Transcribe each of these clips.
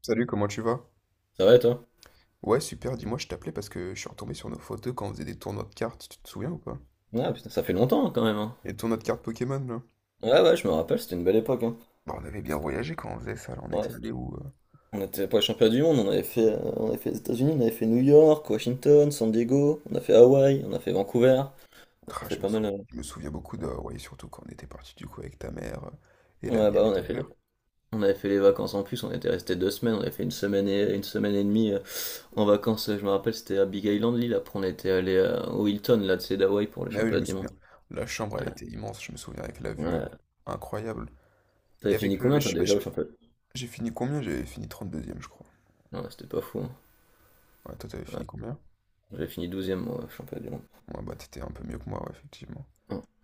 Salut, comment tu vas? Ça va et toi? Ouais, super, dis-moi, je t'appelais parce que je suis retombé sur nos photos quand on faisait des tournois de cartes, tu te souviens ou pas? Ah putain, ça fait longtemps, hein, quand même, hein. Les tournois de cartes Pokémon, là. Ouais, ouais, je me rappelle, c'était une belle époque, hein. Bah, on avait bien voyagé quand on faisait ça, là, on Ouais, était allé où... euh, on était pas les championnats du monde, on avait fait, les États-Unis, on avait fait New York, Washington, San Diego, on a fait Hawaï, on a fait Vancouver. Ça a Ah, fait pas mal. Je me souviens beaucoup de. Ouais, surtout quand on était parti du coup avec ta mère et la Ouais, bah, mienne et ton père. On avait fait les vacances en plus, on était resté 2 semaines, on avait fait une semaine et demie, en vacances. Je me rappelle, c'était à Big Island l'île. Après, on était allé au Hilton là, de c'est d'Hawaï pour les Mais oui, je championnats me du souviens. monde. La chambre, Ouais. elle était immense, je me souviens, avec la vue Ouais. euh, incroyable. Et T'avais fini avec le, combien mais je toi sais pas, déjà je- au championnat? J'ai fini combien? J'avais fini 32e, je crois. Non, c'était pas fou, hein. Ouais, toi, t'avais Ouais. fini combien? J'avais fini 12e e moi, au championnat du monde. Ouais, bah, t'étais un peu mieux que moi, ouais, effectivement.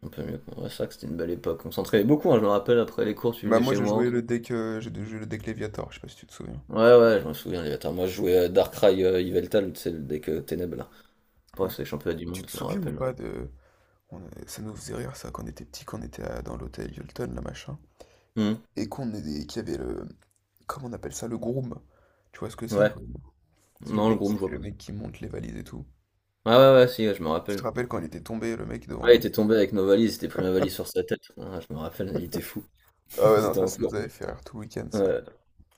On peut mieux comprendre ça, que c'était une belle époque. On s'entraînait beaucoup, hein, je me rappelle, après les cours, tu Bah venais moi chez moi. J'ai joué le deck Léviator, je sais pas si tu te souviens. Ouais, ouais, je me souviens, les bâtards. Moi, je jouais à Darkrai, Yveltal, tu sais, le deck, Ténèbres, là. Après, Ouais. c'est les championnats du Tu monde, te je me souviens ou rappelle. pas de. Ça nous faisait rire ça quand on était petit, quand on était dans l'hôtel Hilton, là machin, Hum. Et qu'il y avait le. Comment on appelle ça? Le groom. Tu vois ce que c'est un Ouais. groom? C'est le Non, le mec groupe, qui... je vois le pas. mec qui monte les valises et tout. Ah, ouais, ouais, ouais, si, ouais, je me Tu te rappelle. rappelles quand il était tombé, le mec devant Ouais, il nous? était tombé avec nos valises, il était pris ma valise sur sa tête. Ah, je me rappelle, il était fou. Ah ouais, non, C'était ça, un ça fou. nous avait fait rire tout le week-end, ça. Ouais.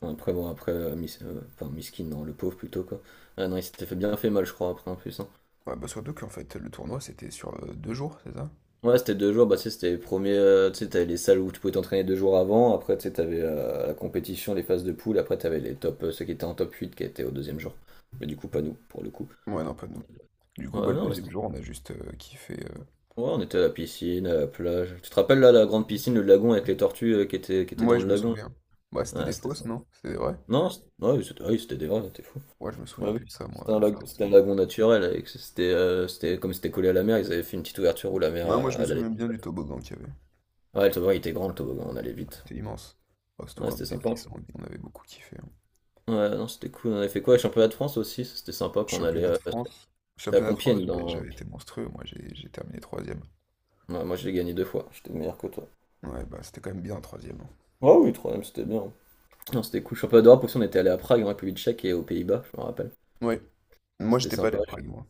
Après, bon, après, enfin, Miskin, non, le pauvre plutôt, quoi. Ah non, il s'était fait bien fait mal, je crois, après, en plus, hein. Ouais, bah surtout qu'en fait, le tournoi, c'était sur 2 jours, c'est ça? Ouais, c'était 2 jours. Bah, tu sais, c'était les premiers, tu sais, t'avais les salles où tu pouvais t'entraîner 2 jours avant. Après, tu sais, t'avais la compétition, les phases de poule. Après, t'avais les top, ceux qui étaient en top 8 qui étaient au deuxième jour. Mais du coup, pas nous, pour le coup. Ouais, non, pas nous. Du coup, Ouais, bah, mais le non, mais deuxième ouais, jour, on a juste kiffé. on était à la piscine, à la plage. Tu te rappelles là, la grande piscine, le lagon avec les tortues, qui étaient Moi, dans je le me lagon? souviens. Bah, c'était Là, ouais, des c'était fausses, ça. non? C'était des vraies? Non, c'était, ouais, oui, c'était, ouais, c'était des vrais, t'es fou. Ouais, je me souviens Ouais, oui. plus de ça, moi, C'était un lagonexactement. Naturel. Comme c'était collé à la mer, ils avaient fait une petite ouverture où la mer, Non, moi je me elle allait. souviens bien du toboggan qu'il y avait. Ouais, le toboggan il était grand, le toboggan, on allait vite. C'était immense. Oh, surtout Ouais, quand on c'était était sympa. petits, on avait beaucoup kiffé, hein. Ouais, non, c'était cool. On avait fait quoi? Le championnat de France aussi, ça, c'était sympa quand on allait, Championnat de France. c'était à Championnat de France, Compiègne. j'avais j'avais été monstrueux, moi j'ai terminé troisième. Ouais, moi, je l'ai gagné deux fois. J'étais meilleur que toi. Ouais, bah c'était quand même bien troisième, hein. Ah oui, troisième, c'était bien. Non, c'était cool. Championnat d'Europe aussi, on était allé à Prague, en République tchèque et aux Pays-Bas, je me rappelle. Ouais. Moi C'était j'étais pas allé sympa. à Prague, moi.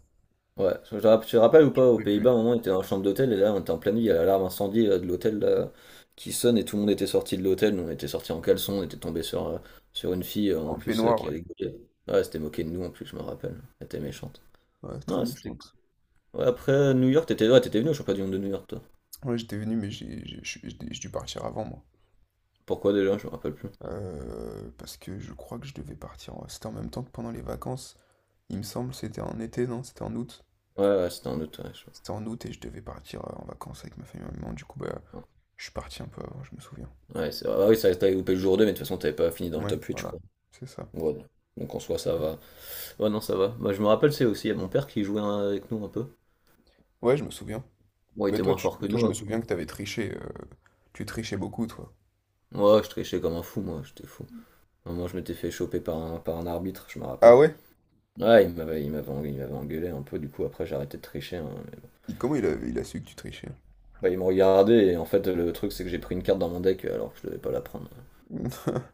Ouais, tu te rappelles ou pas, aux Oui, Pays-Bas, oui. à un moment, on était dans la chambre d'hôtel et là, on était en pleine nuit. Il y a l'alarme incendie, de l'hôtel là, qui sonne et tout le monde était sorti de l'hôtel. Nous, on était sortis en caleçon, on était tombé sur une fille, en En plus, peignoir, qui ouais. avait gueulé. Ouais, elle s'était moquée de nous en plus, je me rappelle. Elle était méchante. Ouais, très Non, c'était méchante. ouais, après, New York, t'étais venu au championnat du monde de New York, toi. Ouais, j'étais venu, mais j'ai- je j'ai dû partir avant, moi. Pourquoi déjà, je me rappelle plus. Parce que je crois que je devais partir. C'était en même temps que pendant les vacances. Il me semble, c'était en été, non? C'était en août. Ouais, ouais, c'était un autre, ouais, C'était en août et je devais partir en vacances avec ma famille et ma maman. Du coup, bah, non. je suis parti un peu avant, je me souviens. Ouais, c'est vrai. Ah oui, ça t'avais loupé le jour deux, mais de toute façon, t'avais pas fini dans le Ouais, top huit, je voilà, crois. c'est ça. Ouais, donc en soi, ça va. Ouais, non, ça va. Moi, je me rappelle, c'est aussi, il y a mon père qui jouait, hein, avec nous un peu. Ouais, je me souviens. Bon, il Mais était toi, moins fort que toi nous, je me après. souviens que t'avais triché. Tu trichais beaucoup, toi. Ouais, je trichais comme un fou, moi, j'étais fou. À un moment, je m'étais fait choper par un arbitre, je me Ah rappelle. ouais? Ouais, il m'avait engueulé un peu, du coup, après, j'ai arrêté de tricher, hein, mais bon. Comment il a su que tu trichais? Bah, il me regardait, et en fait, le truc, c'est que j'ai pris une carte dans mon deck, alors que je devais pas la prendre.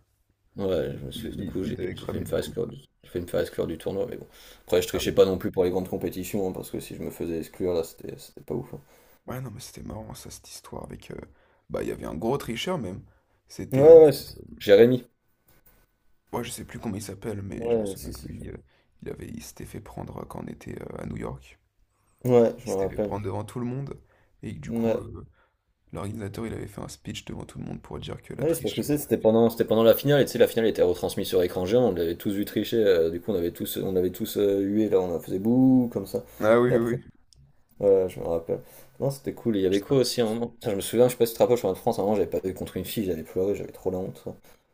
Ouais, je me suis, Il, du il, coup, il t'avait j'ai failli cramé, me du coup. Faire exclure du tournoi, mais bon. Après, je Ah oui. trichais pas non plus pour les grandes compétitions, hein, parce que si je me faisais exclure, là, c'était pas ouf, hein. Ouais, non, mais c'était marrant, ça, cette histoire avec. Bah, il y avait un gros tricheur, même. Ouais, C'était. ouais, Jérémy. Moi, je sais plus comment il s'appelle, mais je me Ouais, souviens si, que si. lui, il s'était fait prendre quand on était à New York. Ouais, Il je me s'était fait rappelle. prendre devant tout le monde. Et que, du coup, Ouais. L'organisateur, il avait fait un speech devant tout le monde pour dire que la Oui, c'est parce triche. que c'est- c'était pendant la finale, et tu sais, la finale était retransmise sur écran géant, on l'avait tous vu tricher, du coup, on avait tous, hué, là, on faisait bouh, comme ça. Ah oui, Et oui, après, oui. ouais, je me rappelle. Non, c'était cool. Et il y Je avait sais pas. quoi aussi à un moment? Putain, je me souviens, je sais pas si tu te rappelles, je suis en France, à un moment, j'avais pas vu contre une fille, j'avais pleuré, j'avais trop la honte.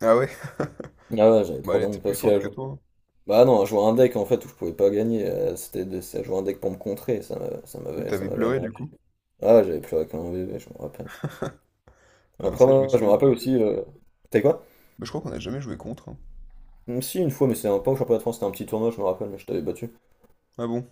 Ah ouais? Ah ouais, j'avais Bah trop elle la était honte plus aussi forte à que jouer. toi, hein. Bah non, à jouer un deck en fait où je pouvais pas gagner, c'était c'est à jouer un deck pour me contrer, Donc ça t'avais m'avait pleuré du énervé. coup? Ah, ouais, j'avais plus avec un bébé, je me rappelle. Ah non, Après, ça je me moi, je me souviens pas. rappelle aussi. T'es quoi? Bah je crois qu'on a jamais joué contre, hein. Si, une fois, mais c'était un pas au championnat de France, c'était un petit tournoi, je me rappelle, mais je t'avais battu. Ah bon?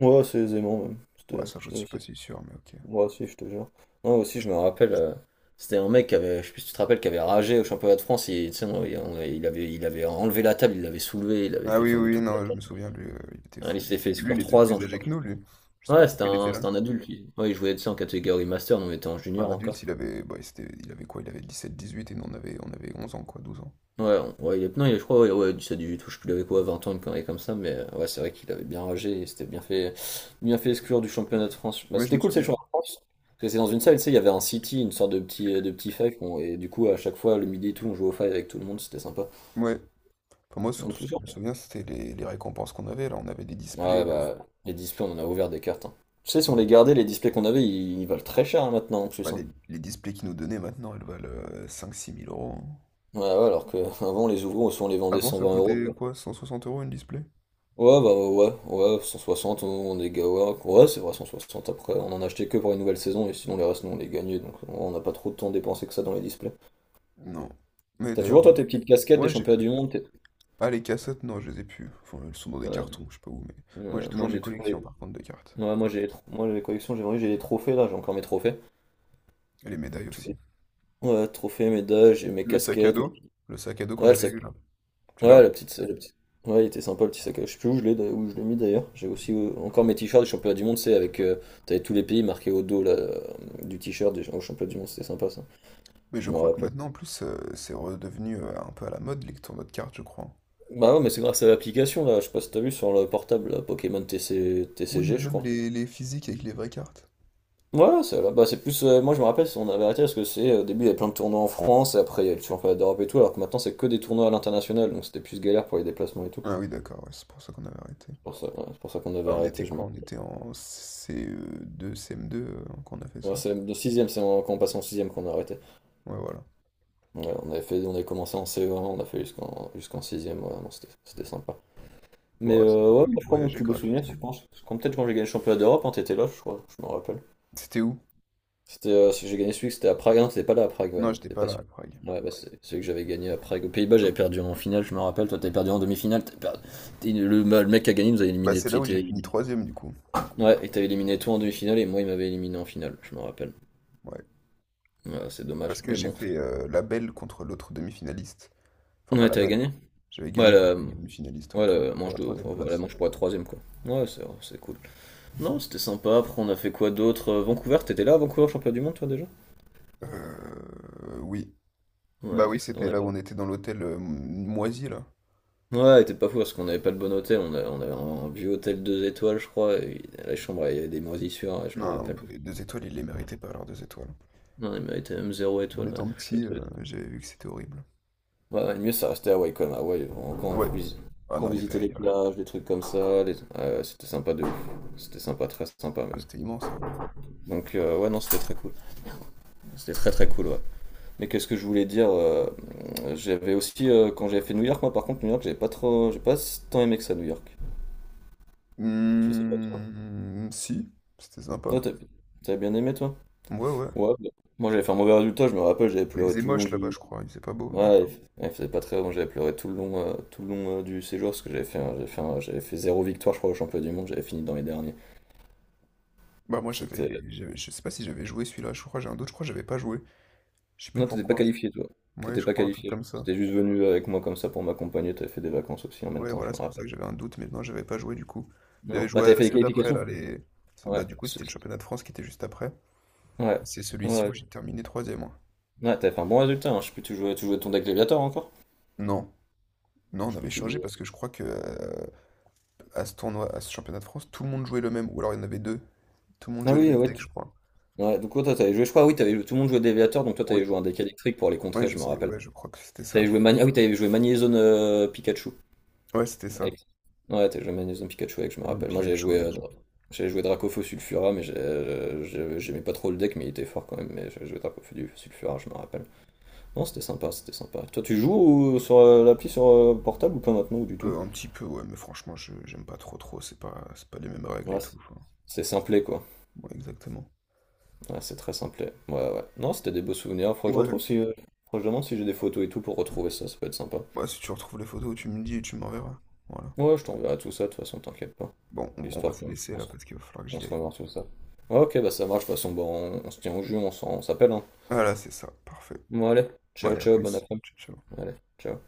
Ouais, c'est aisément, même. Ouais, ça je suis pas si sûr, mais ok. Ouais, si, je te jure. Moi aussi, je me rappelle, c'était un mec qui avait, je sais plus si tu te rappelles, qui avait ragé au championnat de France, il, tu sais, il avait enlevé la table, il l'avait soulevée, il avait Ah fait oui, tomber oui, oui, toute non, je me souviens, lui, il était la. Il fou. s'est fait Lui, exclure il était 3 ans, plus je âgé crois. que nous, lui. Je sais pas Ouais, c'était pourquoi il était unlà. Adulte, lui. Ouais, il jouait, ça en catégorie master, donc il était en Un junior adulte, encore. il avait, bah, c'était, il avait quoi? Il avait 17-18 et nous on avait 11 ans, quoi, 12 ans. Ouais, ouais, il est, non, je crois, ouais, ouais, 17, 18, je sais plus, il avait quoi, 20 ans, une connerie comme ça, mais ouais, c'est vrai qu'il avait bien ragé, il s'était bien fait exclure du championnat de France. Bah, Ouais, je c'était me cool, ces souviens. championnats de France. Parce que c'est dans une salle, tu sais, il y avait un city, une sorte de petit five, et du coup, à chaque fois, le midi et tout, on jouait au five avec tout le monde, c'était sympa. Ouais. Enfin, moi, En surtout, ce plus, que je me ouais. souviens, c'était les récompenses qu'on avait. Là, on avait des displays. Ouais, euh, bah, les displays, on en a ouvert des cartes, hein. Tu sais, si on les gardait, les displays qu'on avait, ils valent très cher, hein, maintenant, en Bah, plus, hein. les displays qu'ils nous donnaient maintenant, elles valent cinq six mille euros, hein. Ouais, ouais, alors qu'avant, on les ouvrait, on les vendait Avant, cent ça vingt euros. coûtait quoi? 160 € une display? Ouais, bah ouais, ouais, 160, ouais, ouais, c'est vrai, 160, après, on en a acheté que pour une nouvelle saison, et sinon les restes, nous, on les gagnait, donc on n'a pas trop de temps dépensé que ça dans les displays. Non. Mais T'as toujours, d'ailleurs, toi, tes petites casquettes des ouais, j'ai championnats tout. du monde? Ah, les cassettes, non, je les ai plus. Enfin, elles sont dans des Ouais, cartons, je sais pas où, mais. Moi, j'ai ouais, moi, toujours mes j'ai toujours les... collections, par contre, de cartes. Ouais, moi, moi, les collections, j'ai les trophées, là, j'ai encore mes trophées. Et les médailles Tous les- aussi. Ouais, trophées, médailles, j'ai mes Le sac à casquettes, dos? Le sac à dos qu'on ouais, le avait sac... eu, là. Tu Ouais, l'as? Ouais, il était sympa, le petit sac, je sais plus où je l'ai mis, d'ailleurs. J'ai aussi, encore mes t-shirts du championnat du monde, c'est avec... T'avais tous les pays marqués au dos, là, du t-shirt au championnat du monde, c'était sympa, ça. Mais je Je me crois que rappelle. maintenant, en plus, c'est redevenu un peu à la mode, les tournois de cartes, je crois. Bah non mais c'est grâce à l'application là, je sais pas si t'as vu sur le portable là, Pokémon Oui, TCG, mais je même crois. les physiques avec les vraies cartes. Ouais, c'est là. Bah c'est plus, moi je me rappelle, on avait arrêté parce que c'est. Au début il y avait plein de tournois en France et après il y a le championnat d'Europe et tout, alors que maintenant c'est que des tournois à l'international, donc c'était plus galère pour les déplacements et tout. Ah oui, d'accord, ouais, c'est pour ça qu'on avait arrêté. C'est pour ça, ouais, c'est pour ça qu'on avait Bah, on arrêté, était je me quoi? On rappelle. était en CE2, CM2, quand on a fait Ouais, ça. c'est le sixième, quand on passe en sixième qu'on a arrêté. Ouais, voilà. Ouais, on avait commencé en CE1, on a fait jusqu'en sixième, ouais, non, c'était sympa. Bon, Mais, ça m'a ouais, permis moi, de je crois mon voyager plus beau souvenir, c'est, je gratuitement. pense. Quand peut-être quand j'ai gagné le championnat d'Europe, hein, t'étais là, je crois, je me rappelle. C'était où? C'était, celui que j'ai gagné celui que c'était à Prague. Ah non, t'étais pas là à Prague, ouais, Non, non, j'étais t'étais pas pas là à sûr. Prague. Ouais, bah, c'est celui que j'avais gagné à Prague. Aux Pays-Bas, j'avais perdu en finale, je me rappelle. Toi, t'avais perdu en demi-finale. Le, bah, le mec qui a gagné nous a Bah, éliminé. c'est là Il où t'a j'ai fini éliminé. troisième, du coup. Ouais, il t'avait éliminé toi en demi-finale et moi, il m'avait éliminé en finale, je me rappelle. Ouais. Ouais, c'est dommage, Parce que mais j'ai bon. fait la belle contre l'autre demi-finaliste. Enfin, pas Ouais, la t'avais belle. gagné? J'avais Ouais, gagné contre la, l'autre demi-finaliste ouais, pour, ouais, la pour manche la de, troisième enfin, voilà, la place. manche pour la troisième, quoi. Ouais, c'est cool. Non, c'était sympa. Après, on a fait quoi d'autre? Vancouver, t'étais là à Vancouver, champion du monde, toi, déjà? Oui. Ouais, Bah oui, c'est- on c'était a. là où on était dans l'hôtel moisi, là. Ouais, il était pas fou parce qu'on n'avait pas le bon hôtel, on avait un vieux hôtel 2 étoiles, je crois, et la chambre, il y avait des moisissures, ouais, je me Non, non, rappelle. les deux étoiles, ils les méritaient pas, leurs deux étoiles. Non, il méritait même zéro En étoile. Étant petit, j'avais vu que c'était horrible. Ouais, ouais, le mieux, ça restait à Hawaï quand même. Hawaï, on- quand on, Ouais. visi- Ah quand on non, il y visitait avait... les il y avait- plages, des trucs comme ça, les- ouais, c'était sympa de ouf. C'était sympa, très sympa même. C'était immense, ça, ouais. Donc, ouais, non, c'était très cool. C'était très très cool, ouais. Mais qu'est-ce que je voulais dire. J'avais aussi, quand j'avais fait New York, moi par contre, New York, j'avais pas trop. J'ai pas tant aimé que ça, New York. Je sais pas toi. Si, c'était sympa. Toi, t'as bien aimé, toi. Ouais, ouais. Ouais, bah, moi j'avais fait un mauvais résultat, je me rappelle, j'avais Bah, il pleuré faisait tout le long moche là-bas, du. je crois. Il faisait pas beau, non? Ouais, elle faisait pas très bon, j'avais pleuré tout le long, du séjour parce que j'avais fait zéro victoire, je crois, au championnat du monde, j'avais fini dans les derniers. Bah moi C'était. Je sais pas si j'avais joué celui-là, je crois j'ai un doute, je crois que j'avais pas joué, je sais plus Non, t'étais pas pourquoi. qualifié, toi. Ouais, T'étais je pas crois un truc qualifié. comme ça. T'étais juste venu avec moi comme ça pour m'accompagner, t'avais fait des vacances aussi en même Ouais, temps, voilà, je me c'est pour ça rappelle. que j'avais un doute, mais non, j'avais pas joué du coup. J'avais Non, bah joué t'avais à fait des ceux d'après là, qualifications. les. Ouais, Bah du coup c'était le championnat de France qui était juste après, ouais, et c'est ouais, celui-ci où ouais. j'ai terminé troisième, moi. Ouais, t'avais fait un bon résultat, hein. Je sais plus, tu jouais ton deck Léviator encore? Non, non, Je on sais plus, avait tu changé jouais. parce que je crois que à ce tournoi, à ce championnat de France, tout le monde jouait le même, ou alors il y en avait deux, tout le monde Ah jouait les oui, mêmes ouais. decks, je crois. Ouais, donc ouais, toi, t'avais joué, je crois, oui, t'avais joué- tout le monde jouait Déviateur, donc toi, t'avais Oui. joué un deck électrique pour les Ouais, contrer, je je me sais, rappelle. ouais, je crois que c'était T'avais ça. joué Mani... Ah oui, t'avais joué Magnézone Pikachu. Ouais, c'était ça. Avec- Ouais, t'avais joué Magnézone Pikachu avec, je me Banane rappelle. Moi, j'avais Pikachu, joué, euh, avec. Dra- j'avais joué Dracofeu Sulfura, mais j'aimais pas trop le deck, mais il était fort quand même. Mais j'avais joué Dracofeu du- Sulfura, je me rappelle. Non, c'était sympa, c'était sympa. Toi, tu joues ou- sur l'appli sur portable ou pas maintenant, ou du tout? Un petit peu, ouais, mais franchement, je j'aime pas trop, trop, c'est pas les mêmes règles Ouais, et tout, c'est enfin, c'est simplé, quoi. ouais, exactement. Ouais, c'est très simplé. Ouais, ouais. Non, c'était des beaux souvenirs. Faudrait que je Ouais, retrouve si. Faudrait que je demande si j'ai des photos et tout pour retrouver ça, ça peut être sympa. bah, si tu retrouves les photos, tu me dis et tu m'enverras. Voilà. Ouais, je t'enverrai tout ça, de toute façon, t'inquiète pas. Bon, on va Histoire se qu'on laisser là parce qu'il va falloir que on j'y se aille. revoit moi. sur ça. Ouais, ok, bah ça marche, de toute façon, bon, on se tient au jus, on s'appelle, hein. Voilà, c'est ça, parfait. Bon, allez, bon ciao, Allez, à ciao, bon plus. après-midi. Ciao tcha. Allez, ciao.